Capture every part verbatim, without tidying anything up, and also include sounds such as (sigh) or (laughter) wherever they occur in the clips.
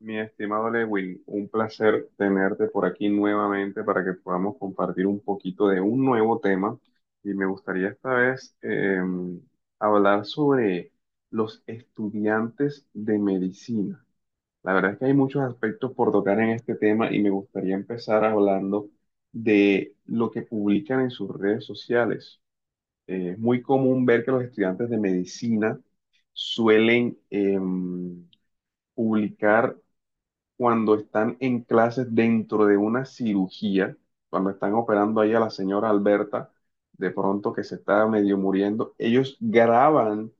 Mi estimado Lewin, un placer tenerte por aquí nuevamente para que podamos compartir un poquito de un nuevo tema. Y me gustaría esta vez eh, hablar sobre los estudiantes de medicina. La verdad es que hay muchos aspectos por tocar en este tema y me gustaría empezar hablando de lo que publican en sus redes sociales. Eh, es muy común ver que los estudiantes de medicina suelen em, publicar cuando están en clases dentro de una cirugía, cuando están operando ahí a la señora Alberta, de pronto que se está medio muriendo, ellos graban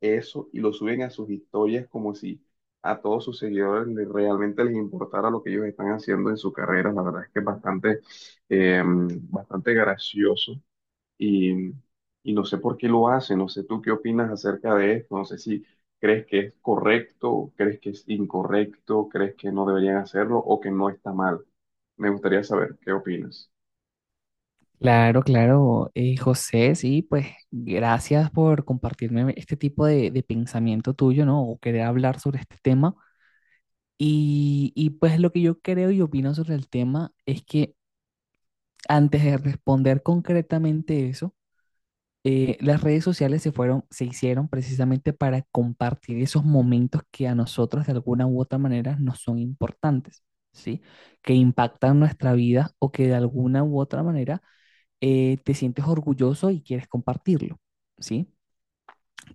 eso y lo suben a sus historias como si a todos sus seguidores le- realmente les importara lo que ellos están haciendo en su carrera. La verdad es que es bastante, eh, bastante gracioso y, y no sé por qué lo hace, no sé tú qué opinas acerca de esto, no sé si crees que es correcto, crees que es incorrecto, crees que no deberían hacerlo o que no está mal. Me gustaría saber qué opinas. Claro, claro, eh, José, sí, pues gracias por compartirme este tipo de, de pensamiento tuyo, ¿no? O querer hablar sobre este tema. Y, y pues lo que yo creo y opino sobre el tema es que antes de responder concretamente eso, eh, las redes sociales se fueron, se hicieron precisamente para compartir esos momentos que a nosotros de alguna u otra manera nos son importantes, ¿sí? Que impactan nuestra vida o que de alguna u otra manera eh, te sientes orgulloso y quieres compartirlo, ¿sí?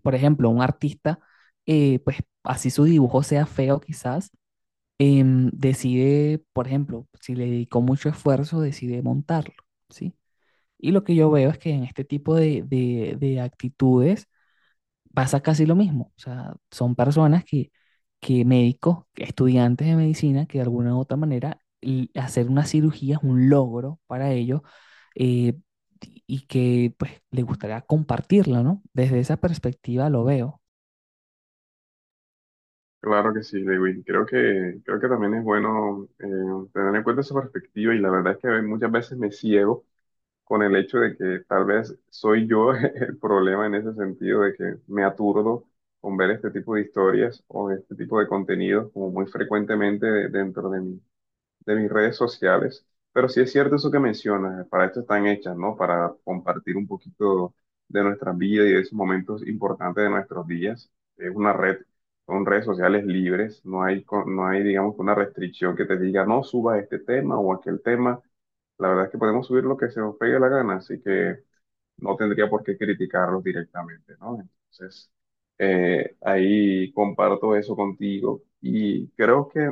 Por ejemplo, un artista, eh, pues así su dibujo sea feo quizás, em, decide, por ejemplo, si le dedicó mucho esfuerzo, decide montarlo, ¿sí? Y lo que yo veo es que en este tipo de, de- de actitudes pasa casi lo mismo. O sea, son personas que, que médicos, estudiantes de medicina, que de alguna u otra manera l- hacer una cirugía es un logro para ellos eh, y que pues les gustaría compartirlo, ¿no? Desde esa perspectiva lo veo. Claro que sí, Lewin. Creo que, creo que también es bueno eh, tener en cuenta esa perspectiva y la verdad es que muchas veces me ciego con el hecho de que tal vez soy yo (laughs) el problema en ese sentido de que me aturdo con ver este tipo de historias o este tipo de contenidos como muy frecuentemente de- dentro de mí de mis redes sociales, pero sí es cierto eso que mencionas, eh, para esto están hechas, ¿no? Para compartir un poquito de nuestras vidas y de esos momentos importantes de nuestros días. Es una red, son redes sociales libres, no hay, co- no hay, digamos, una restricción que te diga, no suba este tema o aquel tema. La verdad es que podemos subir lo que se nos pegue la gana, así que no tendría por qué criticarlos directamente, ¿no? Entonces, eh, ahí comparto eso contigo y creo que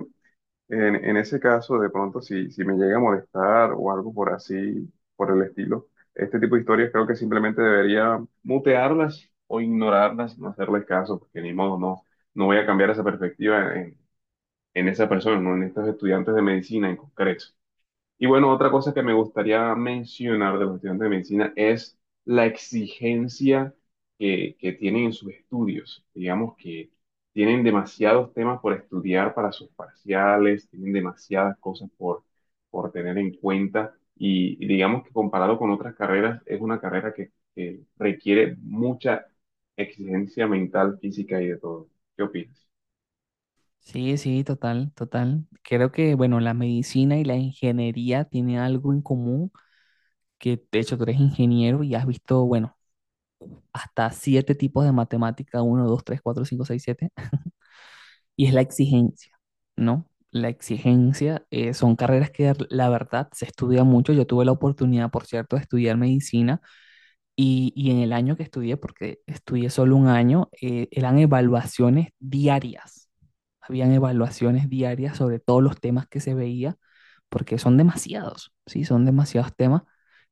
en, en ese caso, de pronto, si, si me llega a molestar o algo por así, por el estilo, este tipo de historias creo que simplemente debería mutearlas o ignorarlas, no hacerles caso, porque ni modo, no, no voy a cambiar esa perspectiva en, en esa persona, ¿no? En estos estudiantes de medicina en concreto. Y bueno, otra cosa que me gustaría mencionar de los estudiantes de medicina es la exigencia que, que tienen en sus estudios. Digamos que tienen demasiados temas por estudiar para sus parciales, tienen demasiadas cosas por, por tener en cuenta y, y digamos que comparado con otras carreras, es una carrera que, que requiere mucha exigencia mental, física y de todo. ¿Qué opinas? Sí, sí, total, total. Creo que, bueno, la medicina y la ingeniería tienen algo en común, que de hecho tú eres ingeniero y has visto, bueno, hasta siete tipos de matemática, uno, dos, tres, cuatro, cinco, seis, siete. Y es la exigencia, ¿no? La exigencia eh, son carreras que la verdad se estudia mucho. Yo tuve la oportunidad, por cierto, de estudiar medicina y, y en el año que estudié, porque estudié solo un año, eh, eran evaluaciones diarias. Habían evaluaciones diarias sobre todos los temas que se veía, porque son demasiados, ¿sí? Son demasiados temas.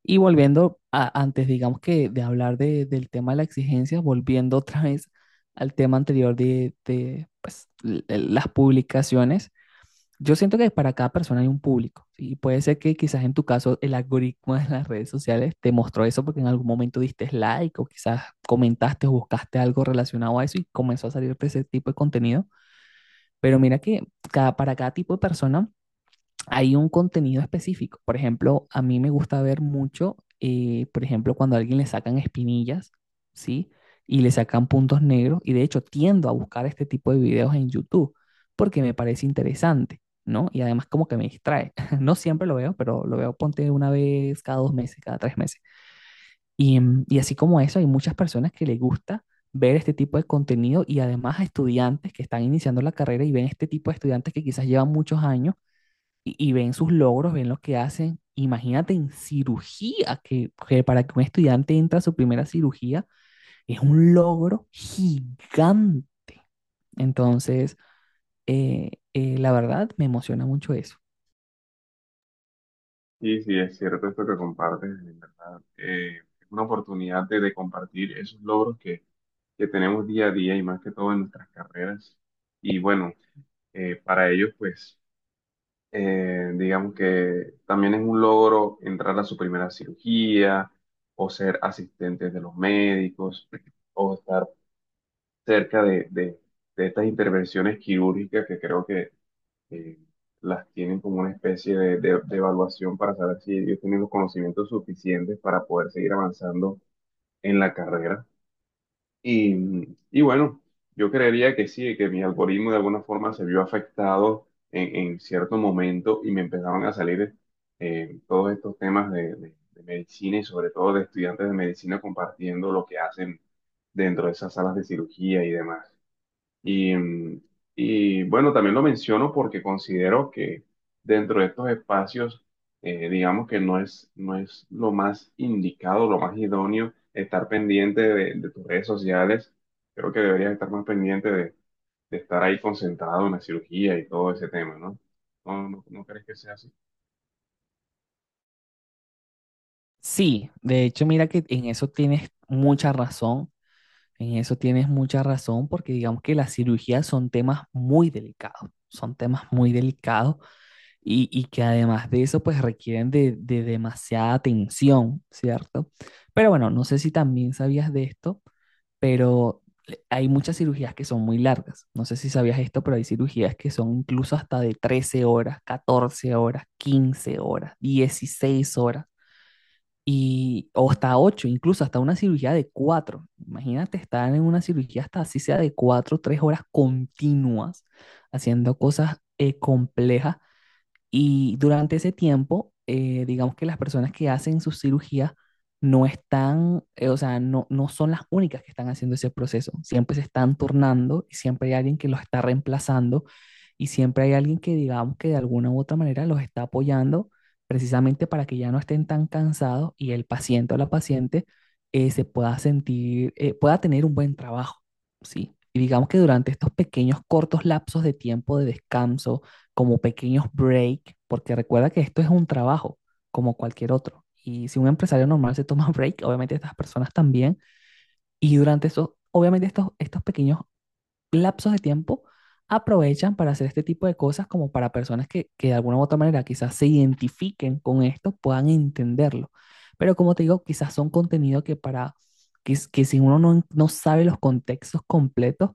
Y volviendo a, antes, digamos que de hablar de- del tema de la exigencia, volviendo otra vez al tema anterior de, de, pues, l- l- las publicaciones, yo siento que para cada persona hay un público, ¿sí? Y puede ser que quizás en tu caso el algoritmo de las redes sociales te mostró eso porque en algún momento diste like o quizás comentaste o buscaste algo relacionado a eso y comenzó a salir ese tipo de contenido. Pero mira que cada, para cada tipo de persona hay un contenido específico. Por ejemplo, a mí me gusta ver mucho, eh, por ejemplo, cuando a alguien le sacan espinillas, ¿sí? Y le sacan puntos negros. Y de hecho, tiendo a buscar este tipo de videos en YouTube porque me parece interesante, ¿no? Y además como que me distrae. (laughs) No siempre lo veo, pero lo veo ponte una vez cada dos meses, cada tres meses. Y, em, y así como eso, hay muchas personas que les gusta ver este tipo de contenido y además a estudiantes que están iniciando la carrera y ven este tipo de estudiantes que quizás llevan muchos años y, y ven sus logros, ven lo que hacen. Imagínate en cirugía, que, que para que un estudiante entre a su primera cirugía es un logro gigante. Entonces, eh, eh, la verdad, me emociona mucho eso. Sí, sí, es cierto esto que compartes, en verdad. Eh, es una oportunidad de, de compartir esos logros que, que tenemos día a día y más que todo en nuestras carreras. Y bueno, eh, para ellos, pues, eh, digamos que también es un logro entrar a su primera cirugía o ser asistentes de los médicos o estar cerca de, de de estas intervenciones quirúrgicas que creo que eh, las tienen como una especie de, de- de evaluación para saber si ellos tienen los conocimientos suficientes para poder seguir avanzando en la carrera. Y, y bueno, yo creería que sí, que mi algoritmo de alguna forma se vio afectado en, en cierto momento y me empezaron a salir eh, todos estos temas de, de- de medicina y sobre todo de estudiantes de medicina compartiendo lo que hacen dentro de esas salas de cirugía y demás. Y, mm, y, bueno, también lo menciono porque considero que dentro de estos espacios, eh, digamos que no es, no es lo más indicado, lo más idóneo estar pendiente de, de tus redes sociales. Creo que deberías estar más pendiente de, de estar ahí concentrado en la cirugía y todo ese tema, ¿no? ¿No, no, no crees que sea así? Sí, de hecho, mira que en eso tienes mucha razón, en eso tienes mucha razón, porque digamos que las cirugías son temas muy delicados, son temas muy delicados y, y que además de eso, pues requieren de, de demasiada atención, ¿cierto? Pero bueno, no sé si también sabías de esto, pero hay muchas cirugías que son muy largas. No sé si sabías esto, pero hay cirugías que son incluso hasta de trece horas, catorce horas, quince horas, dieciséis horas y o hasta ocho, incluso hasta una cirugía de cuatro. Imagínate estar en una cirugía hasta así sea de cuatro, tres horas continuas haciendo cosas eh, complejas y durante ese tiempo, eh, digamos que las personas que hacen sus cirugías no están, eh, o sea, no, no son las únicas que están haciendo ese proceso. Siempre se están turnando y siempre hay alguien que los está reemplazando y siempre hay alguien que, digamos que de alguna u otra manera los está apoyando precisamente para que ya no estén tan cansados y el paciente o la paciente eh, se pueda sentir, eh, pueda tener un buen trabajo, ¿sí? Y digamos que durante estos pequeños cortos lapsos de tiempo de descanso, como pequeños break, porque recuerda que esto es un trabajo como cualquier otro. Y si un empresario normal se toma (laughs) break, obviamente estas personas también, y durante esos, obviamente estos, estos pequeños lapsos de tiempo aprovechan para hacer este tipo de cosas como para personas que, que de alguna u otra manera quizás se identifiquen con esto, puedan entenderlo. Pero como te digo, quizás son contenido que para que, que si uno no, no sabe los contextos completos,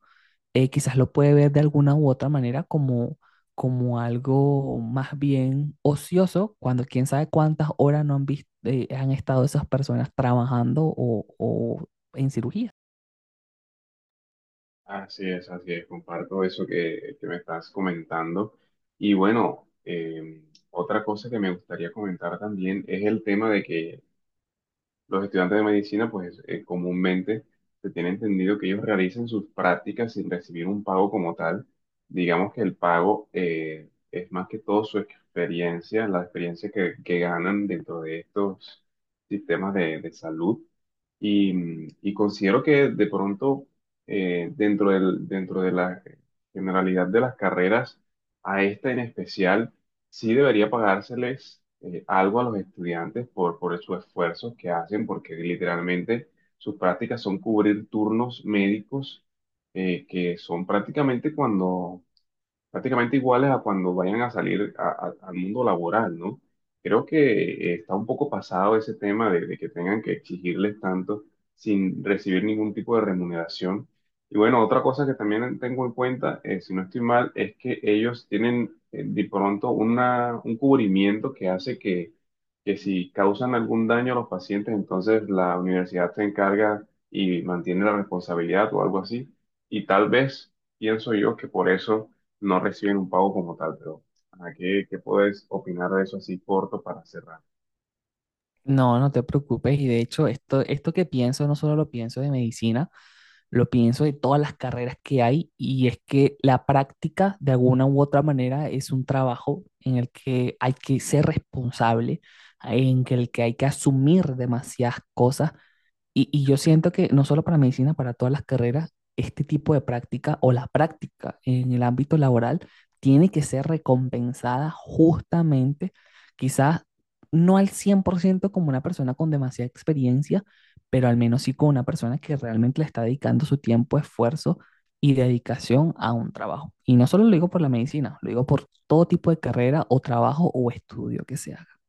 eh, quizás lo puede ver de alguna u otra manera como, como algo más bien ocioso, cuando quién sabe cuántas horas no han visto, han estado esas personas trabajando o, o en cirugía. Así es, así es, comparto eso que, que me estás comentando. Y bueno, eh, otra cosa que me gustaría comentar también es el tema de que los estudiantes de medicina, pues eh, comúnmente se tiene entendido que ellos realizan sus prácticas sin recibir un pago como tal. Digamos que el pago eh, es más que todo su experiencia, la experiencia que, que ganan dentro de estos sistemas de, de salud. Y, y considero que de pronto, eh, dentro del, dentro de la generalidad de las carreras, a esta en especial, sí debería pagárseles eh, algo a los estudiantes por, por sus esfuerzos que hacen, porque literalmente sus prácticas son cubrir turnos médicos, eh, que son prácticamente cuando, prácticamente iguales a cuando vayan a salir a- a- al mundo laboral, ¿no? Creo que eh, está un poco pasado ese tema de, de que tengan que exigirles tanto sin recibir ningún tipo de remuneración. Y bueno, otra cosa que también tengo en cuenta, eh, si no estoy mal, es que ellos tienen eh, de pronto una, un cubrimiento que hace que, que si causan algún daño a los pacientes, entonces la universidad se encarga y mantiene la responsabilidad o algo así. Y tal vez pienso yo que por eso no reciben un pago como tal, pero ¿a qué, qué puedes opinar de eso así corto para cerrar? No, no te preocupes. Y de hecho, esto, esto que pienso, no solo lo pienso de medicina, lo pienso de todas las carreras que hay. Y es que la práctica, de alguna u otra manera, es un trabajo en el que hay que ser responsable, en que el que hay que asumir demasiadas cosas. Y, y yo siento que no solo para medicina, para todas las carreras, este tipo de práctica o la práctica en el ámbito laboral tiene que ser recompensada justamente, quizás no al cien por ciento como una persona con demasiada experiencia, pero al menos sí como una persona que realmente le está dedicando su tiempo, esfuerzo y dedicación a un trabajo. Y no solo lo digo por la medicina, lo digo por todo tipo de carrera o trabajo o estudio que se haga.